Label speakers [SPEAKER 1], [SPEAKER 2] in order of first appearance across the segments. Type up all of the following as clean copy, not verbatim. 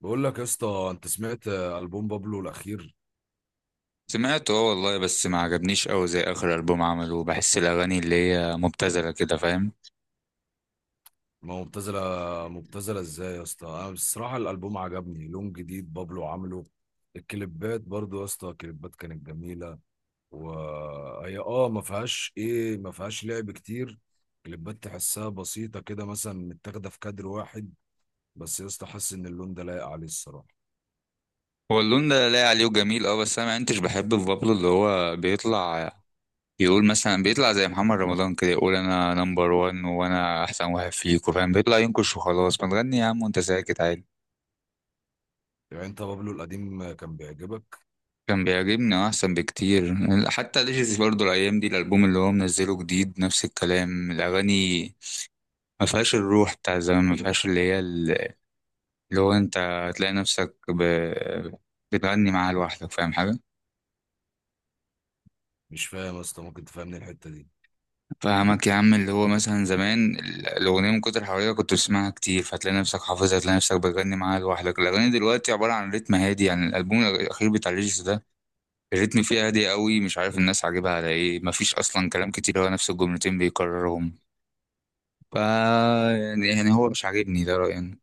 [SPEAKER 1] بقول لك يا اسطى، انت سمعت البوم بابلو الاخير؟
[SPEAKER 2] سمعته اه والله، بس ما عجبنيش قوي زي اخر البوم عمله. بحس الاغاني اللي هي مبتذله كده، فاهم؟
[SPEAKER 1] ما هو مبتذله، مبتذله ازاي يا اسطى؟ انا الصراحه الالبوم عجبني، لون جديد بابلو عامله. الكليبات برضو يا اسطى الكليبات كانت جميله، وهي ما فيهاش ايه، ما فيهاش لعب كتير. كليبات تحسها بسيطه كده، مثلا متاخده في كادر واحد. بس يا اسطى حاسس ان اللون ده لايق عليه الصراحه.
[SPEAKER 2] هو اللون ده لاقي عليه وجميل اه، بس انا ما كنتش بحب في بابلو اللي هو بيطلع يقول مثلا، بيطلع زي محمد رمضان كده، يقول انا نمبر وان وانا احسن واحد فيكوا، فاهم؟ بيطلع ينكش وخلاص. ما تغني يا عم وانت ساكت عادي.
[SPEAKER 1] يعني انت بابلو القديم كان بيعجبك؟
[SPEAKER 2] كان بيعجبني آه، احسن بكتير. حتى ليجيس برضه الايام دي الالبوم اللي هو منزله جديد، نفس الكلام. الاغاني ما فيهاش الروح بتاع زمان، ما فيهاش اللي هي لو انت هتلاقي نفسك بتغني معاها لوحدك، فاهم حاجة؟
[SPEAKER 1] مش فاهم يا اسطى، ممكن تفهمني الحته دي.
[SPEAKER 2] فاهمك يا عم. اللي هو مثلا زمان الأغنية من كتر حواليها كنت بتسمعها كتير، فتلاقي نفسك حافظها، تلاقي نفسك بتغني معاها لوحدك. الأغاني دلوقتي عبارة عن رتم هادي، يعني الألبوم الأخير بتاع ليجيس ده الريتم فيه هادي قوي، مش عارف الناس عاجبها على ايه. مفيش أصلا كلام كتير، هو نفس الجملتين بيكررهم. فا يعني هو مش عاجبني، ده رأيي أنا.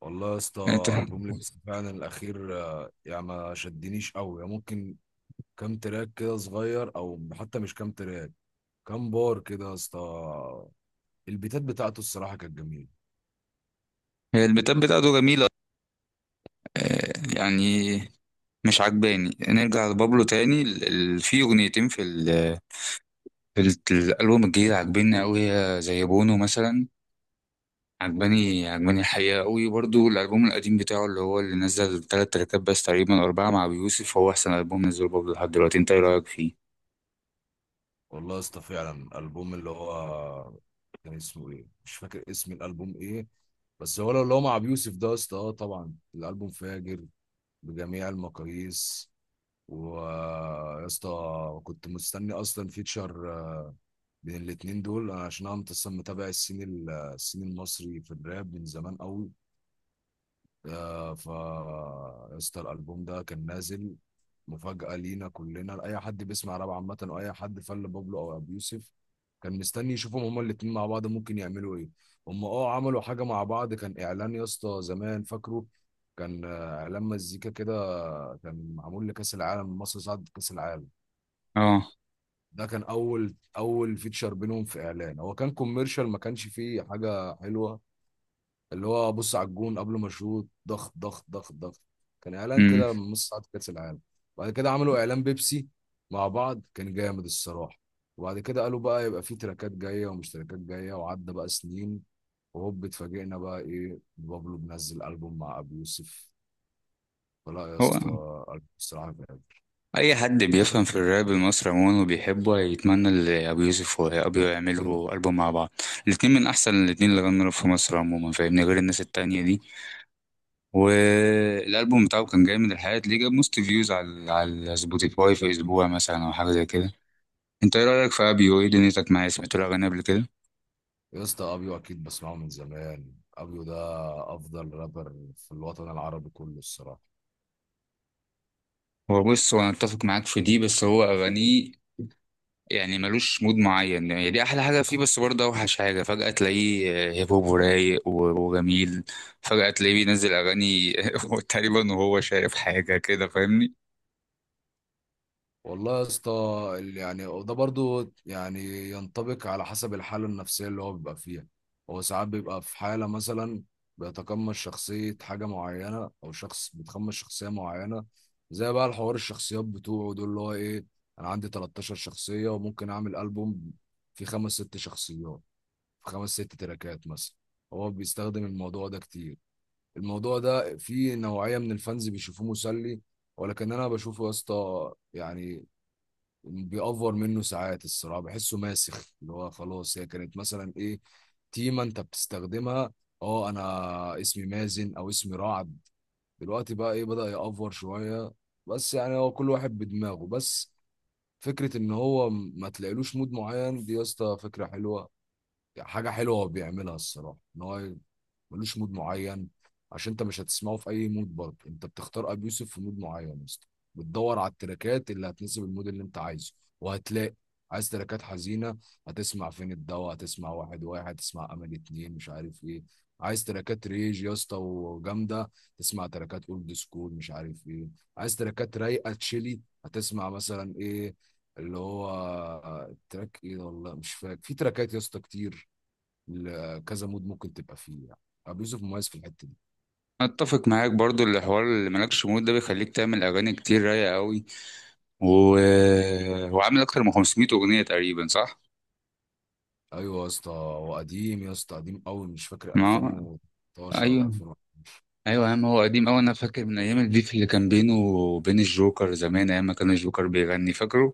[SPEAKER 1] والله يا
[SPEAKER 2] انت.
[SPEAKER 1] اسطى البوم لبس فعلا الاخير يعني ما شدنيش قوي. يعني ممكن كام تراك كده صغير، او حتى مش كام تراك، كام بار كده يا اسطى. البيتات بتاعته الصراحه كانت جميله.
[SPEAKER 2] هي البيتات بتاعته جميلة آه، يعني مش عجباني. نرجع لبابلو تاني. في اغنيتين في الالبوم الجديد عجباني قوي، هي زي بونو مثلا. عجباني الحقيقه قوي. برضو الالبوم القديم بتاعه اللي نزل ثلاث تراكات بس تقريبا أو اربعه مع ابي يوسف، هو احسن البوم نزله بابلو لحد دلوقتي. انت ايه رايك فيه؟
[SPEAKER 1] والله يا اسطى فعلا البوم اللي هو كان اسمه ايه، مش فاكر اسم الالبوم ايه. بس هو لو اللي هو مع ابو يوسف ده يا اسطى، طبعا الالبوم فاجر بجميع المقاييس. ويا اسطى كنت مستني اصلا فيتشر بين الاتنين دول، عشان انا اصلا متابع السين المصري في الراب من زمان قوي. آه، ف يا اسطى الالبوم ده كان نازل مفاجأة لينا كلنا، لأي حد بيسمع راب عامة، وأي حد فل بابلو أو أبو يوسف كان مستني يشوفهم هما الاتنين مع بعض ممكن يعملوا إيه. هما أه عملوا حاجة مع بعض، كان إعلان يا اسطى زمان فاكره، كان إعلان مزيكا كده، كان معمول لكأس العالم، مصر صعد كأس العالم.
[SPEAKER 2] اه.
[SPEAKER 1] ده كان اول اول فيتشر بينهم، في اعلان هو كان كوميرشال، ما كانش فيه حاجه حلوه. اللي هو بص على الجون قبل ما اشوط، ضغط ضغط ضغط ضغط. كان اعلان
[SPEAKER 2] امم.
[SPEAKER 1] كده من نص ساعه كاس العالم. بعد كده عملوا اعلان بيبسي مع بعض، كان جامد الصراحه. وبعد كده قالوا بقى يبقى فيه تراكات جايه ومش تراكات جايه، وعدى بقى سنين، وهوب اتفاجئنا بقى ايه، بابلو بنزل البوم مع ابو يوسف. فلا يا
[SPEAKER 2] هو
[SPEAKER 1] اسطى البوم الصراحه.
[SPEAKER 2] اي حد بيفهم في الراب المصري عموما وبيحبه هيتمنى اللي ابو يوسف وابي يعملوا البوم مع بعض. الاتنين من احسن الاتنين اللي غنوا راب في مصر عموما، فاهمني؟ غير الناس التانية دي. والالبوم بتاعه كان جامد الحقيقه، ليه جاب موست فيوز على سبوتيفاي في اسبوع مثلا او حاجه زي كده. انت ايه رايك في ابيو؟ ايه دنيتك معاه؟ سمعت له اغاني قبل كده؟
[SPEAKER 1] يا اسطى ابيو اكيد بسمعه من زمان، ابيو ده افضل رابر في الوطن العربي كله الصراحه.
[SPEAKER 2] هو بص، هو انا اتفق معاك في دي، بس هو اغانيه يعني ملوش مود معين، يعني دي احلى حاجه فيه بس برضه اوحش حاجه. فجاه تلاقيه هيب هوب ورايق وجميل. فجاه تلاقيه بينزل اغاني تقريبا وهو شايف حاجه كده، فاهمني؟
[SPEAKER 1] والله يا اسطى يعني وده برضو يعني ينطبق على حسب الحاله النفسيه اللي هو بيبقى فيها. هو ساعات بيبقى في حاله مثلا بيتقمص شخصيه حاجه معينه، او شخص بيتقمص شخصيه معينه. زي بقى الحوار الشخصيات بتوعه دول اللي هو ايه، انا عندي 13 شخصيه وممكن اعمل البوم فيه خمس ست شخصيات، في خمس ست تراكات مثلا. هو بيستخدم الموضوع ده كتير. الموضوع ده فيه نوعية من الفانز بيشوفوه مسلي، ولكن انا بشوفه يا اسطى يعني بيأفور منه ساعات الصراحة، بحسه ماسخ. اللي هو خلاص هي كانت مثلا ايه، تيمة انت بتستخدمها، اه انا اسمي مازن او اسمي رعد. دلوقتي بقى ايه بدأ يأفور شوية. بس يعني هو كل واحد بدماغه. بس فكرة ان هو ما تلاقيلوش مود معين، دي يا اسطى فكرة حلوة. حاجة حلوة هو بيعملها الصراحة، ان هو ملوش مود معين. عشان انت مش هتسمعه في اي مود، برضه انت بتختار ابي يوسف في مود معين مثلا، بتدور على التراكات اللي هتناسب المود اللي انت عايزه، وهتلاقي. عايز تراكات حزينه، هتسمع فين الدوا، هتسمع واحد واحد، تسمع امل اتنين، مش عارف ايه. عايز تراكات ريج يا اسطى وجامده، تسمع تراكات اولد سكول مش عارف ايه. عايز تراكات رايقه تشيلي، هتسمع مثلا ايه، اللي هو تراك ايه، والله مش فاكر، في تراكات يا اسطى كتير. كذا مود ممكن تبقى فيه يعني. ابو يوسف مميز في الحته دي.
[SPEAKER 2] اتفق معاك برضه، الحوار اللي مالكش مود ده بيخليك تعمل اغاني كتير رايقه قوي. وهو عامل اكتر من 500 اغنيه تقريبا، صح؟
[SPEAKER 1] ايوه يا اسطى هو قديم يا اسطى، قديم قوي، مش فاكر
[SPEAKER 2] ما هو-
[SPEAKER 1] 2012 ولا
[SPEAKER 2] ايوه.
[SPEAKER 1] 2000.
[SPEAKER 2] ايوه يا عم، هو قديم قوي. انا فاكر من ايام البيف اللي كان بينه وبين الجوكر زمان، ايام ما كان الجوكر بيغني، فاكره؟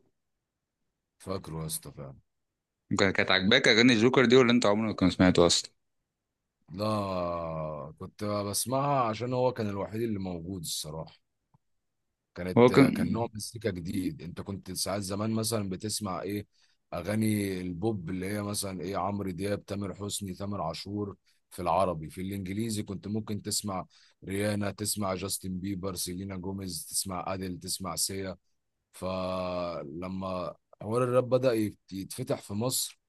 [SPEAKER 1] فاكره يا اسطى فعلا.
[SPEAKER 2] كانت عاجباك اغاني الجوكر دي، ولا انت عمرك ما كنت سمعته اصلا؟
[SPEAKER 1] لا كنت بسمعها عشان هو كان الوحيد اللي موجود الصراحه.
[SPEAKER 2] هو
[SPEAKER 1] كانت، كان نوع
[SPEAKER 2] كان.
[SPEAKER 1] مزيكا جديد. انت كنت ساعات زمان مثلا بتسمع ايه، اغاني البوب اللي هي مثلا ايه، عمرو دياب، تامر حسني، تامر عاشور. في العربي في الانجليزي كنت ممكن تسمع ريانا، تسمع جاستن بيبر، سيلينا جوميز، تسمع اديل، تسمع سيا. فلما حوار الراب بدأ يتفتح في مصر،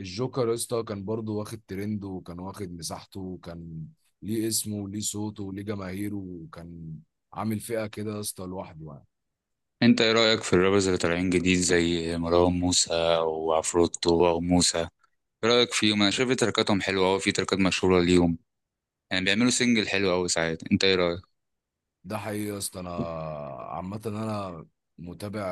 [SPEAKER 1] الجوكر يا اسطى كان برضه واخد ترند، وكان واخد مساحته، وكان ليه اسمه وليه صوته وليه جماهيره، وكان عامل فئة كده يا اسطى لوحده يعني.
[SPEAKER 2] انت ايه رايك في الرابرز اللي طالعين جديد زي مروان موسى وعفروتو او موسى؟ ايه رايك فيهم؟ انا شايف تركاتهم حلوه قوي، في تركات مشهوره ليهم. يعني بيعملوا سنجل حلو قوي ساعات. انت ايه رايك؟
[SPEAKER 1] ده حقيقي يا اسطى. انا عامة انا متابع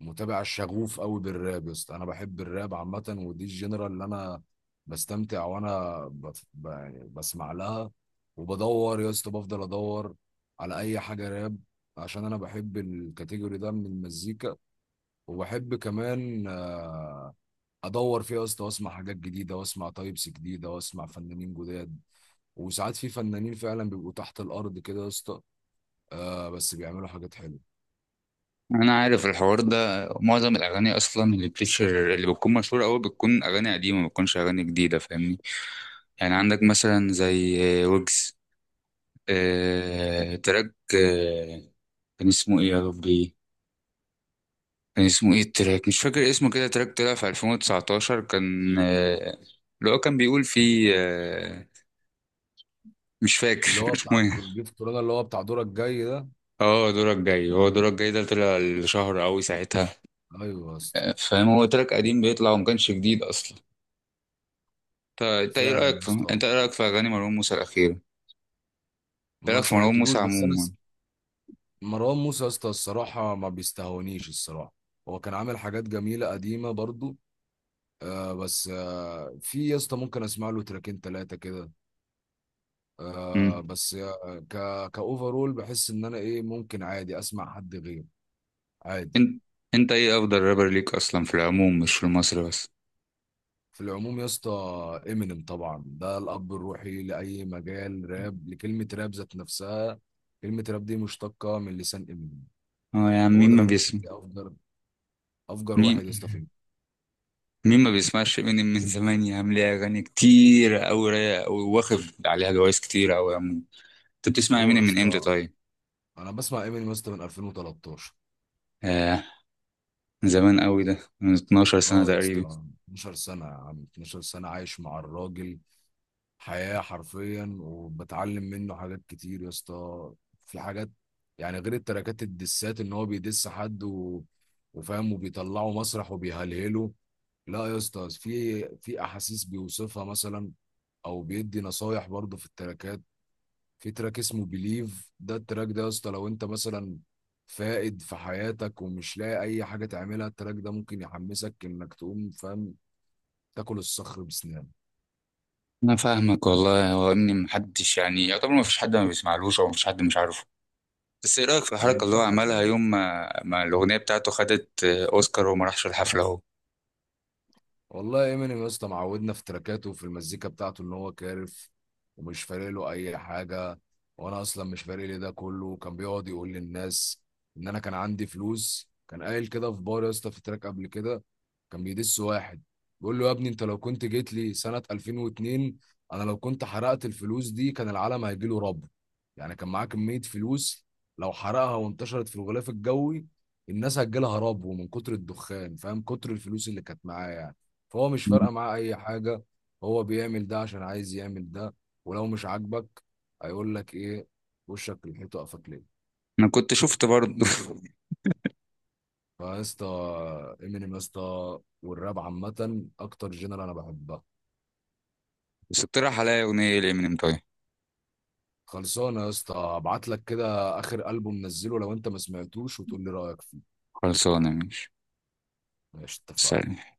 [SPEAKER 1] متابع شغوف قوي بالراب يا اسطى. انا بحب الراب عامة، ودي الجنرال اللي انا بستمتع وانا يعني بسمع لها. وبدور يا اسطى، بفضل ادور على اي حاجة راب، عشان انا بحب الكاتيجوري ده من المزيكا. وبحب كمان ادور فيها يا اسطى، واسمع حاجات جديدة، واسمع تايبس جديدة، واسمع فنانين جداد. وساعات في فنانين فعلا بيبقوا تحت الارض كده يا اسطى، آه بس بيعملوا حاجات حلوه.
[SPEAKER 2] انا عارف الحوار ده. معظم الاغاني اصلا اللي بتشهر، اللي بتكون مشهوره قوي، بتكون اغاني قديمه، ما بتكونش اغاني جديده، فاهمني؟ يعني عندك مثلا زي ويجز. تراك، كان اسمه ايه يا ربي؟ كان اسمه ايه التراك؟ مش فاكر اسمه كده. تراك طلع في 2019، كان اللي هو كان بيقول فيه مش
[SPEAKER 1] اللي
[SPEAKER 2] فاكر
[SPEAKER 1] هو
[SPEAKER 2] اسمه
[SPEAKER 1] بتاع
[SPEAKER 2] ايه.
[SPEAKER 1] جيف كورونا، اللي هو بتاع دورك الجاي ده،
[SPEAKER 2] اه، دورك جاي. هو
[SPEAKER 1] كان
[SPEAKER 2] دورك جاي ده طلع الشهر قوي ساعتها.
[SPEAKER 1] ايوه يا اسطى.
[SPEAKER 2] آه، فاهم. هو تراك قديم بيطلع وما كانش جديد اصلا. طيب
[SPEAKER 1] فعلا يا اسطى
[SPEAKER 2] انت ايه رايك في اغاني مروان موسى الاخيره؟ ايه
[SPEAKER 1] ما
[SPEAKER 2] رايك في مروان موسى
[SPEAKER 1] سمعتلوش، بس
[SPEAKER 2] عموما؟
[SPEAKER 1] مروان موسى يا اسطى الصراحه ما بيستهونيش الصراحه. هو كان عامل حاجات جميله قديمه برضو. آه بس آه، في يا اسطى ممكن اسمع له تراكين ثلاثه كده. آه
[SPEAKER 2] امم.
[SPEAKER 1] بس آه، كاوفرول بحس ان انا ايه، ممكن عادي اسمع حد غيره عادي.
[SPEAKER 2] انت انت ايه افضل رابر ليك اصلا، في العموم مش في مصر بس؟
[SPEAKER 1] في العموم يا اسطى امينيم طبعا، ده الاب الروحي لاي مجال راب، لكلمه راب ذات نفسها. كلمه راب دي مشتقه من لسان امينيم.
[SPEAKER 2] اه يا عم،
[SPEAKER 1] هو ده
[SPEAKER 2] مين ما
[SPEAKER 1] بالنسبه
[SPEAKER 2] بيسمع؟
[SPEAKER 1] لي افجر، افجر
[SPEAKER 2] مين
[SPEAKER 1] واحد يا اسطى في
[SPEAKER 2] مين ما بيسمعش امينيم من زمان يا عم؟ ليه اغاني كتير قوي رايقه قوي، واخد عليها جوايز كتير قوي يا عم. انت بتسمع
[SPEAKER 1] هو يا
[SPEAKER 2] امينيم من امتى
[SPEAKER 1] اسطى
[SPEAKER 2] طيب؟
[SPEAKER 1] انا بسمع امينيم يا اسطى من 2013.
[SPEAKER 2] آه، من زمان قوي ده، من 12 سنه
[SPEAKER 1] اه يا
[SPEAKER 2] تقريبا.
[SPEAKER 1] اسطى، 12 سنه يا عم، 12 سنه عايش مع الراجل حياة حرفيا، وبتعلم منه حاجات كتير يا اسطى. في حاجات يعني غير التراكات الدسات ان هو بيدس وفاهم وبيطلعه مسرح وبيهلهله. لا يا اسطى، في في احاسيس بيوصفها مثلا، او بيدي نصايح برضه في التراكات. في تراك اسمه بليف، ده التراك ده يا اسطى لو انت مثلا فائد في حياتك ومش لاقي اي حاجه تعملها، التراك ده ممكن يحمسك انك تقوم، فاهم، تاكل الصخر بسنان.
[SPEAKER 2] انا فاهمك والله. هو امينيم محدش يعني يعتبر، ما فيش حد ما بيسمعلوش او ما فيش حد مش عارفه. بس ايه رأيك في
[SPEAKER 1] ما
[SPEAKER 2] الحركة اللي هو
[SPEAKER 1] ينفعش.
[SPEAKER 2] عملها يوم ما الأغنية بتاعته خدت أوسكار وما راحش الحفلة أهو؟
[SPEAKER 1] والله امينيم يا اسطى معودنا في تراكاته وفي المزيكا بتاعته ان هو كارف، ومش فارق له اي حاجه. وانا اصلا مش فارق لي. ده كله كان بيقعد يقول للناس ان انا كان عندي فلوس، كان قايل كده في بار يا اسطى في تراك قبل كده، كان بيدس واحد بيقول له، يا ابني انت لو كنت جيت لي سنه 2002، انا لو كنت حرقت الفلوس دي، كان العالم هيجي له رب. يعني كان معاه كميه فلوس، لو حرقها وانتشرت في الغلاف الجوي، الناس هتجيلها رب، ومن كتر الدخان فاهم، كتر الفلوس اللي كانت معاه يعني. فهو مش فارقه معاه اي حاجه، هو بيعمل ده عشان عايز يعمل ده. ولو مش عاجبك، هيقول لك ايه، وشك للحيط وقفك ليه.
[SPEAKER 2] أنا كنت شفت برضه.
[SPEAKER 1] فيا اسطى امينيم يا اسطى، والراب عامه اكتر جنرال انا بحبها.
[SPEAKER 2] بس اقترح عليا أغنية لإمينيم طيب.
[SPEAKER 1] خلصانه يا اسطى، ابعت لك كده اخر البوم نزله لو انت ما سمعتوش، وتقول لي رايك فيه.
[SPEAKER 2] خلصانة، ماشي.
[SPEAKER 1] ماشي اتفقنا.
[SPEAKER 2] سلام.